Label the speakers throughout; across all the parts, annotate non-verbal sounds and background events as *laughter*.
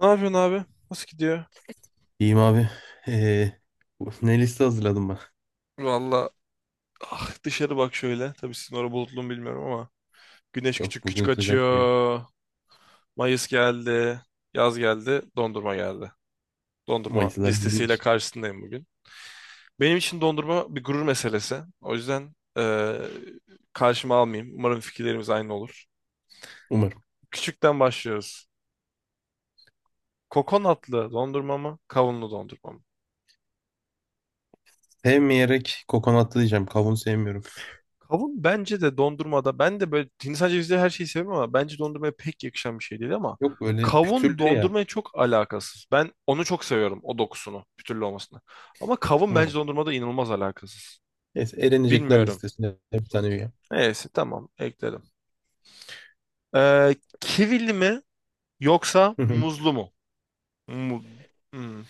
Speaker 1: Ne yapıyorsun abi? Nasıl gidiyor?
Speaker 2: İyiyim abi. Ee, Ne liste hazırladım ben?
Speaker 1: Valla dışarı bak şöyle. Tabii sizin orada bulutlu mu bilmiyorum ama. Güneş
Speaker 2: Yok,
Speaker 1: küçük
Speaker 2: bugün
Speaker 1: küçük
Speaker 2: sıcak diye.
Speaker 1: açıyor. Mayıs geldi. Yaz geldi. Dondurma geldi. Dondurma
Speaker 2: Mayıslar bizim
Speaker 1: listesiyle
Speaker 2: için.
Speaker 1: karşısındayım bugün. Benim için dondurma bir gurur meselesi. O yüzden karşıma almayayım. Umarım fikirlerimiz aynı olur.
Speaker 2: Umarım.
Speaker 1: Küçükten başlıyoruz. Kokonatlı dondurma mı? Kavunlu dondurma mı?
Speaker 2: Sevmeyerek kokonatlı diyeceğim. Kavun sevmiyorum.
Speaker 1: Kavun bence de dondurmada, ben de böyle hindistan cevizi her şeyi severim ama bence dondurmaya pek yakışan bir şey değil ama
Speaker 2: Yok, böyle
Speaker 1: kavun
Speaker 2: pütürlü ya.
Speaker 1: dondurmaya çok alakasız. Ben onu çok seviyorum, o dokusunu bir olmasını. Ama kavun bence
Speaker 2: Hı.
Speaker 1: dondurmada inanılmaz alakasız.
Speaker 2: Neyse, elenecekler
Speaker 1: Bilmiyorum.
Speaker 2: listesine bir tane üye.
Speaker 1: Neyse tamam, ekledim. Kivili mi yoksa
Speaker 2: Hı hı.
Speaker 1: muzlu mu? Mu- Hmm.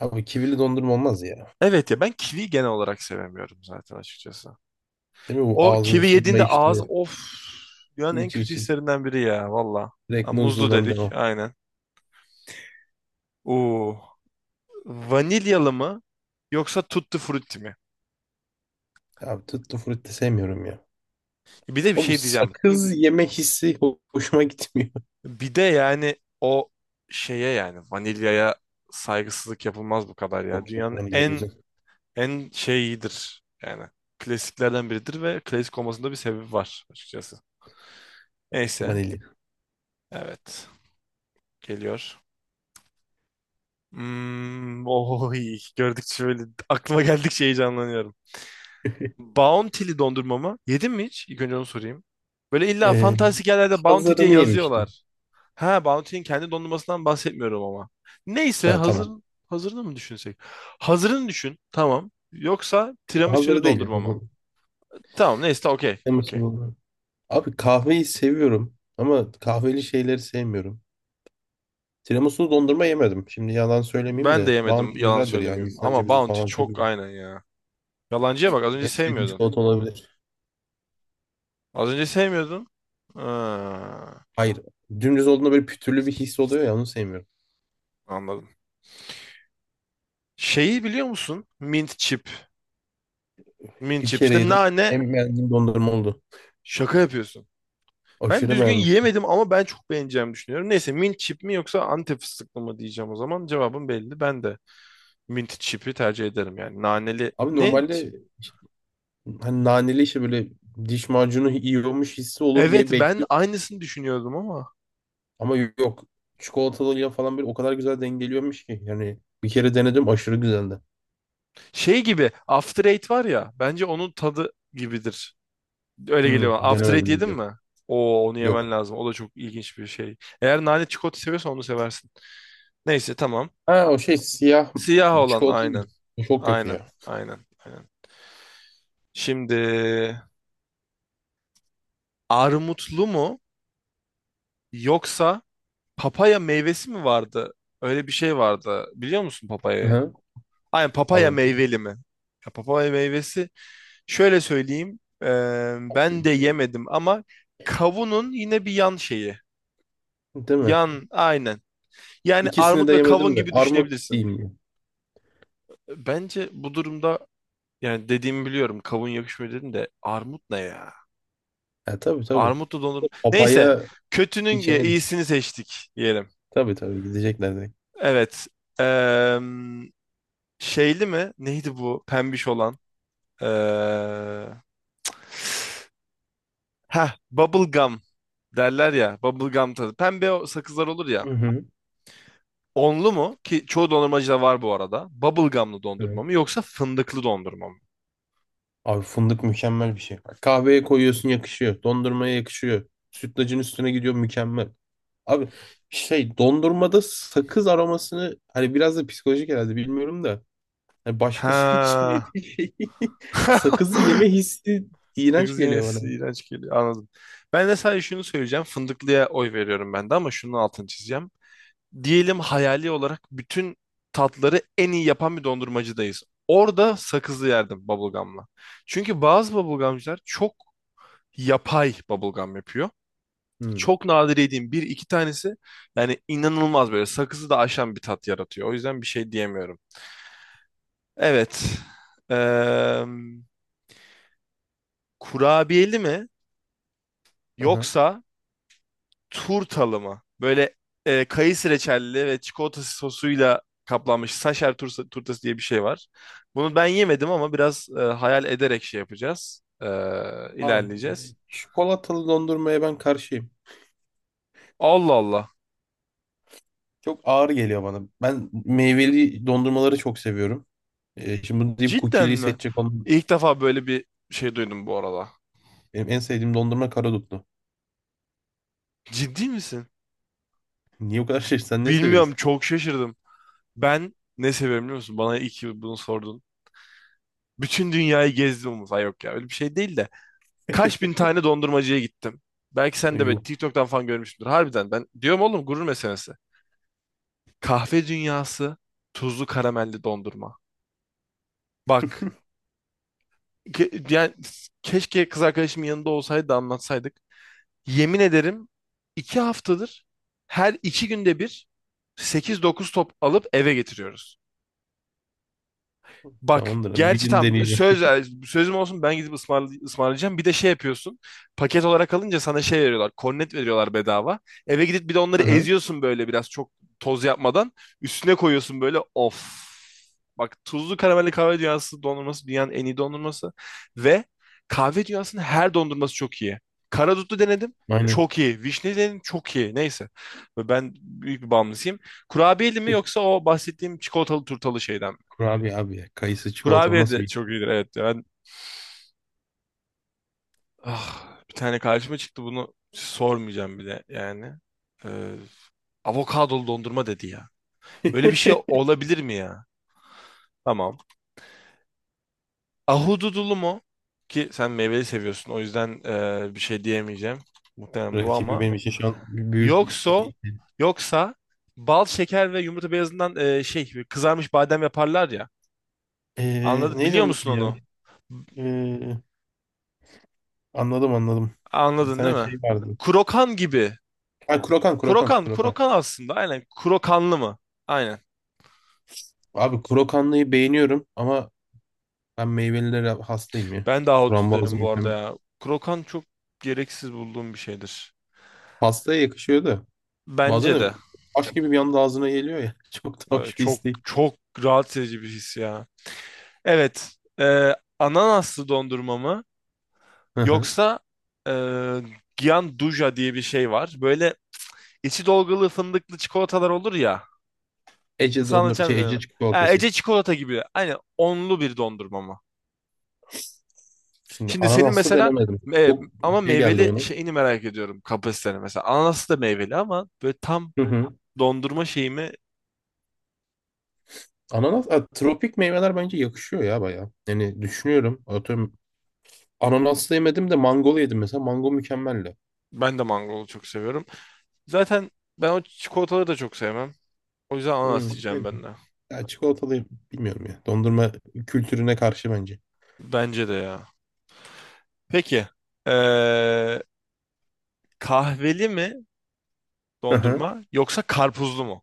Speaker 2: Abi, kivili dondurma olmaz ya.
Speaker 1: Evet ya, ben kivi genel olarak sevemiyorum zaten açıkçası.
Speaker 2: Değil mi, bu
Speaker 1: O
Speaker 2: ağzı bir
Speaker 1: kivi
Speaker 2: şey
Speaker 1: yediğinde ağız,
Speaker 2: mayıştırıyor.
Speaker 1: of, dünyanın en
Speaker 2: Hiç
Speaker 1: kötü
Speaker 2: hiç hiç.
Speaker 1: hislerinden biri ya valla.
Speaker 2: Direkt
Speaker 1: Ha, muzlu
Speaker 2: muzludan
Speaker 1: dedik
Speaker 2: devam.
Speaker 1: aynen. Oo. Vanilyalı mı yoksa tutti frutti mi?
Speaker 2: Abi, tuttu frutti sevmiyorum ya.
Speaker 1: Bir de bir
Speaker 2: O
Speaker 1: şey diyeceğim.
Speaker 2: sakız yeme hissi hoşuma gitmiyor.
Speaker 1: Bir de yani o şeye, yani vanilyaya saygısızlık yapılmaz bu kadar
Speaker 2: *laughs*
Speaker 1: ya.
Speaker 2: Yok yok,
Speaker 1: Dünyanın
Speaker 2: vanilya güzel.
Speaker 1: en en şeyidir yani. Klasiklerden biridir ve klasik olmasında bir sebebi var açıkçası. Neyse.
Speaker 2: Vanilya.
Speaker 1: Evet. Geliyor. Oy, gördükçe böyle aklıma geldikçe heyecanlanıyorum. Bounty'li dondurma mı? Yedin mi hiç? İlk önce onu sorayım. Böyle illa
Speaker 2: Ee,
Speaker 1: fantastik yerlerde Bounty diye
Speaker 2: Hazırını yemiştim.
Speaker 1: yazıyorlar. Ha, Bounty'nin kendi dondurmasından bahsetmiyorum ama. Neyse
Speaker 2: Ha
Speaker 1: hazır
Speaker 2: tamam.
Speaker 1: hazırını mı düşünsek? Hazırını düşün. Tamam. Yoksa tiramisu
Speaker 2: Havları değil, yani.
Speaker 1: dondurma mı?
Speaker 2: Bu
Speaker 1: Tamam neyse, okey. Okey.
Speaker 2: tiramisu, abi kahveyi seviyorum ama kahveli şeyleri sevmiyorum. Tiramisulu dondurma yemedim. Şimdi yalan söylemeyeyim
Speaker 1: Ben de
Speaker 2: de. Bounty
Speaker 1: yemedim, yalan
Speaker 2: güzeldir yani,
Speaker 1: söylemeyeyim.
Speaker 2: Hindistan
Speaker 1: Ama
Speaker 2: cevizi
Speaker 1: Bounty
Speaker 2: falan çok
Speaker 1: çok,
Speaker 2: güzel.
Speaker 1: aynen ya. Yalancıya bak, az önce
Speaker 2: En sevdiğim
Speaker 1: sevmiyordun.
Speaker 2: çikolata olabilir.
Speaker 1: Az önce sevmiyordun. Ha,
Speaker 2: Hayır. Dümdüz olduğunda böyle pütürlü bir his oluyor ya, onu sevmiyorum.
Speaker 1: anladım. Şeyi biliyor musun? Mint chip. Mint
Speaker 2: Bir
Speaker 1: chip.
Speaker 2: kere
Speaker 1: İşte,
Speaker 2: yedim.
Speaker 1: nane.
Speaker 2: En beğendiğim dondurma oldu.
Speaker 1: Şaka yapıyorsun. Ben
Speaker 2: Aşırı
Speaker 1: düzgün
Speaker 2: beğenmiştim.
Speaker 1: yiyemedim ama ben çok beğeneceğimi düşünüyorum. Neyse, mint chip mi yoksa Antep fıstıklı mı diyeceğim o zaman. Cevabım belli. Ben de mint chip'i tercih ederim yani. Naneli
Speaker 2: Abi
Speaker 1: ne?
Speaker 2: normalde,
Speaker 1: Chip?
Speaker 2: hani naneli işte böyle diş macunu yiyormuş hissi olur
Speaker 1: Evet,
Speaker 2: diye
Speaker 1: ben
Speaker 2: bekliyorum.
Speaker 1: aynısını düşünüyordum ama.
Speaker 2: Ama yok. Çikolatalıyla falan böyle o kadar güzel dengeliyormuş ki. Yani bir kere denedim, aşırı güzeldi.
Speaker 1: Şey gibi After Eight var ya. Bence onun tadı gibidir. Öyle
Speaker 2: Hmm,
Speaker 1: geliyor bana. After
Speaker 2: denemedim,
Speaker 1: Eight yedin
Speaker 2: bilmiyorum.
Speaker 1: mi? Oo, onu yemen
Speaker 2: Yok.
Speaker 1: lazım. O da çok ilginç bir şey. Eğer nane çikolata seviyorsan onu seversin. Neyse, tamam.
Speaker 2: Ha, o şey siyah
Speaker 1: Siyah
Speaker 2: bir
Speaker 1: olan
Speaker 2: çikolata
Speaker 1: aynen.
Speaker 2: gibi. O çok kötü
Speaker 1: Aynen.
Speaker 2: ya.
Speaker 1: Aynen. Aynen. Şimdi, armutlu mu? Yoksa papaya meyvesi mi vardı? Öyle bir şey vardı. Biliyor musun papayayı?
Speaker 2: Hı-hı.
Speaker 1: Aynen, papaya
Speaker 2: Abi
Speaker 1: meyveli mi? Ya, papaya meyvesi. Şöyle söyleyeyim. Ben de yemedim ama kavunun yine bir yan şeyi.
Speaker 2: değil mi?
Speaker 1: Yan, aynen. Yani
Speaker 2: İkisini
Speaker 1: armut
Speaker 2: de
Speaker 1: ve kavun
Speaker 2: yemedim de,
Speaker 1: gibi
Speaker 2: armut değil
Speaker 1: düşünebilirsin.
Speaker 2: mi?
Speaker 1: Bence bu durumda, yani dediğimi biliyorum. Kavun yakışmıyor dedim de armut ne ya?
Speaker 2: Ha, tabii tabii.
Speaker 1: Armutlu dondurma. Neyse.
Speaker 2: Papaya
Speaker 1: Kötünün
Speaker 2: hiç yemedik.
Speaker 1: iyisini seçtik diyelim.
Speaker 2: Tabii tabii, gidecekler direkt.
Speaker 1: Evet. Eee Şeyli mi? Neydi bu pembiş olan? Ee, bubble gum derler ya. Bubble gum tadı. Pembe o sakızlar olur ya.
Speaker 2: Hı
Speaker 1: Onlu mu? Ki çoğu dondurmacıda var bu arada. Bubble gumlı dondurma
Speaker 2: hı.
Speaker 1: mı yoksa fındıklı dondurma mı?
Speaker 2: Abi, fındık mükemmel bir şey. Kahveye koyuyorsun, yakışıyor. Dondurmaya yakışıyor. Sütlacın üstüne gidiyor, mükemmel. Abi şey, dondurmada sakız aromasını hani biraz da psikolojik herhalde, bilmiyorum da. Hani başkası *laughs* için
Speaker 1: Ha.
Speaker 2: yediği şey,
Speaker 1: *laughs*
Speaker 2: sakızı yeme hissi iğrenç
Speaker 1: Sakız
Speaker 2: geliyor
Speaker 1: yemesi
Speaker 2: bana.
Speaker 1: iğrenç geliyor. Anladım. Ben de sadece şunu söyleyeceğim. Fındıklıya oy veriyorum ben de, ama şunun altını çizeceğim. Diyelim hayali olarak bütün tatları en iyi yapan bir dondurmacıdayız. Orada sakızlı yerdim bubblegum'la. Çünkü bazı bubblegum'cılar çok yapay bubblegum yapıyor.
Speaker 2: Hmm.
Speaker 1: Çok nadir yediğim bir iki tanesi yani inanılmaz böyle sakızı da aşan bir tat yaratıyor. O yüzden bir şey diyemiyorum. Evet. Eee kurabiyeli mi
Speaker 2: Aha.
Speaker 1: yoksa turtalı mı? Böyle kayısı reçelli ve çikolata sosuyla kaplanmış saşer turtası diye bir şey var. Bunu ben yemedim ama biraz hayal ederek şey yapacağız.
Speaker 2: Abi
Speaker 1: İlerleyeceğiz.
Speaker 2: çikolatalı dondurmaya ben karşıyım.
Speaker 1: Allah Allah.
Speaker 2: Çok ağır geliyor bana. Ben meyveli dondurmaları çok seviyorum. Şimdi bunu deyip
Speaker 1: Cidden
Speaker 2: cookie'liyi
Speaker 1: mi?
Speaker 2: seçecek olan
Speaker 1: İlk defa böyle bir şey duydum bu arada.
Speaker 2: benim en sevdiğim dondurma karadutlu.
Speaker 1: Ciddi misin?
Speaker 2: Niye o kadar şey? Sen ne
Speaker 1: Bilmiyorum,
Speaker 2: seviyorsun?
Speaker 1: çok şaşırdım. Ben ne seviyorum biliyor musun? Bana iyi ki bunu sordun. Bütün dünyayı gezdim. Ay yok ya, öyle bir şey değil de. Kaç bin
Speaker 2: *laughs*
Speaker 1: tane dondurmacıya gittim. Belki sen de böyle
Speaker 2: Yok.
Speaker 1: TikTok'tan falan görmüşsündür. Harbiden ben diyorum oğlum, gurur meselesi. Kahve dünyası tuzlu karamelli dondurma. Bak yani keşke kız arkadaşımın yanında olsaydı da anlatsaydık. Yemin ederim, 2 haftadır her 2 günde bir 8-9 top alıp eve getiriyoruz. Bak
Speaker 2: Tamamdır abi. Bir
Speaker 1: gerçi
Speaker 2: gün
Speaker 1: tam
Speaker 2: deneyeceğim.
Speaker 1: sözüm olsun, ben gidip ısmarlayacağım. Bir de şey yapıyorsun. Paket olarak alınca sana şey veriyorlar. Kornet veriyorlar bedava. Eve gidip bir de onları
Speaker 2: *laughs* Aha,
Speaker 1: eziyorsun böyle biraz, çok toz yapmadan. Üstüne koyuyorsun böyle, of. Bak, tuzlu karamelli kahve dünyası dondurması dünyanın en iyi dondurması. Ve kahve dünyasının her dondurması çok iyi. Karadutlu denedim.
Speaker 2: aynen.
Speaker 1: Çok iyi. Vişne denedim. Çok iyi. Neyse. Ben büyük bir bağımlısıyım. Kurabiyeli mi yoksa o bahsettiğim çikolatalı turtalı şeyden?
Speaker 2: Kurabiye abi ya. Kayısı çikolata, o
Speaker 1: Kurabiye
Speaker 2: nasıl
Speaker 1: de
Speaker 2: bir
Speaker 1: çok iyidir, evet. Ben bir tane karşıma çıktı bunu sormayacağım bile yani. Ee, avokadolu dondurma dedi ya. Böyle bir şey
Speaker 2: *laughs*
Speaker 1: olabilir mi ya? Tamam. Ahududulu mu? Ki sen meyveli seviyorsun, o yüzden bir şey diyemeyeceğim. Muhtemelen bu
Speaker 2: rakibi
Speaker 1: ama.
Speaker 2: benim için şu an bir büyük.
Speaker 1: Yoksa
Speaker 2: *laughs*
Speaker 1: yoksa bal, şeker ve yumurta beyazından şey kızarmış badem yaparlar ya. Anladın
Speaker 2: Neydi
Speaker 1: biliyor
Speaker 2: onun
Speaker 1: musun
Speaker 2: adı ya?
Speaker 1: onu?
Speaker 2: Ee, Anladım anladım. Bir
Speaker 1: Anladın değil
Speaker 2: tane
Speaker 1: mi?
Speaker 2: şey vardı.
Speaker 1: Krokan gibi.
Speaker 2: Ha, krokan krokan
Speaker 1: Krokan,
Speaker 2: krokan.
Speaker 1: krokan aslında. Aynen. Krokanlı mı? Aynen.
Speaker 2: Abi krokanlıyı beğeniyorum ama ben meyvelilere hastayım ya.
Speaker 1: Ben de ahudut
Speaker 2: Frambuazım,
Speaker 1: derim bu arada
Speaker 2: hem
Speaker 1: ya. Krokan çok gereksiz bulduğum bir şeydir.
Speaker 2: pastaya yakışıyor da bazen
Speaker 1: Bence
Speaker 2: de
Speaker 1: de.
Speaker 2: taş gibi bir anda ağzına geliyor ya. *laughs* Çok da hoş bir
Speaker 1: Çok
Speaker 2: istek.
Speaker 1: çok rahatsız edici bir his ya. Evet. Ananaslı dondurma mı?
Speaker 2: Hı hı.
Speaker 1: Yoksa e, Gianduja diye bir şey var. Böyle içi dolgulu fındıklı çikolatalar olur ya.
Speaker 2: Ece
Speaker 1: Nasıl
Speaker 2: dondurma
Speaker 1: anlatacağım
Speaker 2: şey, Ece
Speaker 1: bilmiyorum. Ha,
Speaker 2: çikolatası.
Speaker 1: Ece çikolata gibi. Aynen, onlu bir dondurma mı?
Speaker 2: Şimdi
Speaker 1: Şimdi senin
Speaker 2: ananaslı
Speaker 1: mesela
Speaker 2: denemedim.
Speaker 1: e,
Speaker 2: Çok
Speaker 1: ama
Speaker 2: şey geldi
Speaker 1: meyveli
Speaker 2: bana.
Speaker 1: şeyini merak ediyorum, kapasiteni mesela. Ananas da meyveli ama böyle tam
Speaker 2: Hı hı.
Speaker 1: dondurma şeyimi.
Speaker 2: Ananas, a, tropik meyveler bence yakışıyor ya bayağı. Yani düşünüyorum. Atıyorum, ananaslı yemedim de mangolu yedim mesela. Mango mükemmeldi.
Speaker 1: Ben de mangolu çok seviyorum. Zaten ben o çikolataları da çok sevmem. O yüzden ananas
Speaker 2: Hı,
Speaker 1: diyeceğim
Speaker 2: evet.
Speaker 1: ben de.
Speaker 2: Ya, çikolatalıyım. Bilmiyorum ya. Dondurma kültürüne karşı bence.
Speaker 1: Bence de ya. Peki. e, kahveli mi
Speaker 2: Hı hı.
Speaker 1: dondurma yoksa karpuzlu mu?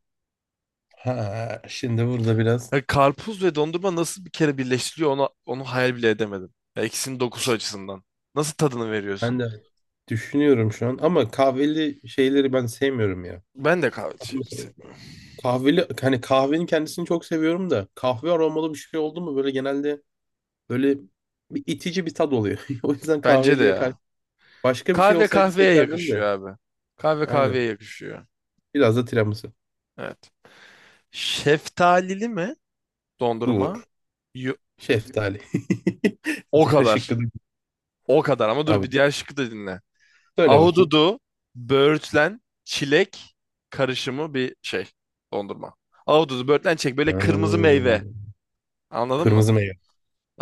Speaker 2: Ha, şimdi burada biraz
Speaker 1: Ya karpuz ve dondurma nasıl bir kere birleştiriliyor onu hayal bile edemedim. Ya ikisinin dokusu açısından. Nasıl tadını veriyorsun?
Speaker 2: ben de düşünüyorum şu an, ama kahveli şeyleri ben sevmiyorum ya.
Speaker 1: Ben de kahve
Speaker 2: Atıyorum
Speaker 1: şeyleri
Speaker 2: mesela,
Speaker 1: seviyorum.
Speaker 2: kahveli hani kahvenin kendisini çok seviyorum da kahve aromalı bir şey oldu mu böyle genelde böyle bir itici bir tad oluyor. *laughs* O yüzden
Speaker 1: Bence de
Speaker 2: kahveliye karşı.
Speaker 1: ya.
Speaker 2: Başka bir şey
Speaker 1: Kahve
Speaker 2: olsaydı
Speaker 1: kahveye
Speaker 2: seçerdim
Speaker 1: yakışıyor
Speaker 2: de.
Speaker 1: abi. Kahve
Speaker 2: Aynen.
Speaker 1: kahveye yakışıyor.
Speaker 2: Biraz da tiramisu.
Speaker 1: Evet. Şeftalili mi dondurma?
Speaker 2: Dur.
Speaker 1: Yo-
Speaker 2: Şeftali. *laughs*
Speaker 1: o
Speaker 2: Diğer şıkkı
Speaker 1: kadar.
Speaker 2: da.
Speaker 1: O kadar, ama dur
Speaker 2: Abi
Speaker 1: bir diğer şıkkı da dinle.
Speaker 2: söyle bakayım.
Speaker 1: Ahududu, böğürtlen, çilek karışımı bir şey dondurma. Ahududu, böğürtlen, çilek, böyle kırmızı
Speaker 2: Hmm.
Speaker 1: meyve. Anladın mı?
Speaker 2: Kırmızı meyve.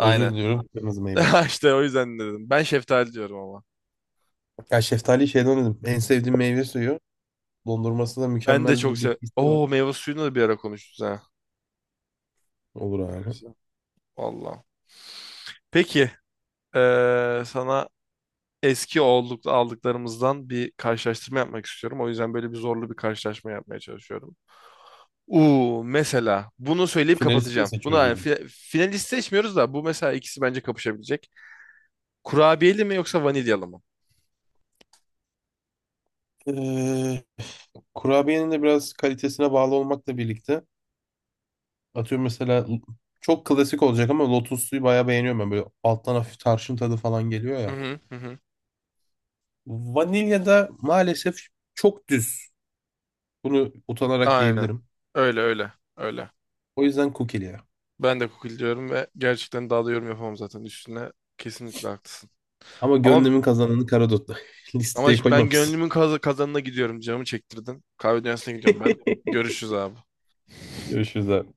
Speaker 2: Özür diliyorum. Kırmızı meyveler.
Speaker 1: *laughs* İşte o yüzden dedim. Ben şeftali diyorum ama.
Speaker 2: Ya şeftali şeyden dedim. En sevdiğim meyve suyu. Dondurması da
Speaker 1: Ben de çok
Speaker 2: mükemmeldir bir
Speaker 1: sev.
Speaker 2: hissi var.
Speaker 1: Oo, meyve suyunu da bir ara konuştuk ha.
Speaker 2: Olur abi.
Speaker 1: Vallahi. Peki. Sana eski olduk, aldıklarımızdan bir karşılaştırma yapmak istiyorum. O yüzden böyle bir zorlu bir karşılaşma yapmaya çalışıyorum. Mesela bunu söyleyip
Speaker 2: Finalisti mi
Speaker 1: kapatacağım.
Speaker 2: seçiyoruz
Speaker 1: Buna yani
Speaker 2: burada?
Speaker 1: finalist seçmiyoruz da bu mesela ikisi bence kapışabilecek. Kurabiyeli mi yoksa vanilyalı mı?
Speaker 2: Ee, Kurabiyenin de biraz kalitesine bağlı olmakla birlikte, atıyorum mesela, çok klasik olacak ama lotus suyu bayağı beğeniyorum ben. Böyle alttan hafif tarçın tadı falan geliyor
Speaker 1: Hı
Speaker 2: ya.
Speaker 1: hı hı. Hı.
Speaker 2: Vanilya da maalesef çok düz. Bunu utanarak
Speaker 1: Aynen.
Speaker 2: diyebilirim.
Speaker 1: Öyle öyle. Öyle.
Speaker 2: O yüzden kukili ya.
Speaker 1: Ben de kukil diyorum ve gerçekten daha da yorum yapamam zaten üstüne. Kesinlikle haklısın.
Speaker 2: Ama
Speaker 1: Ama
Speaker 2: gönlümün kazananı karadotlu. *laughs*
Speaker 1: ama
Speaker 2: Listeye
Speaker 1: şimdi ben
Speaker 2: koymamışsın.
Speaker 1: gönlümün kazanına gidiyorum. Canımı çektirdin. Kahve dünyasına gidiyorum ben.
Speaker 2: *laughs*
Speaker 1: Görüşürüz abi.
Speaker 2: Görüşürüz abi.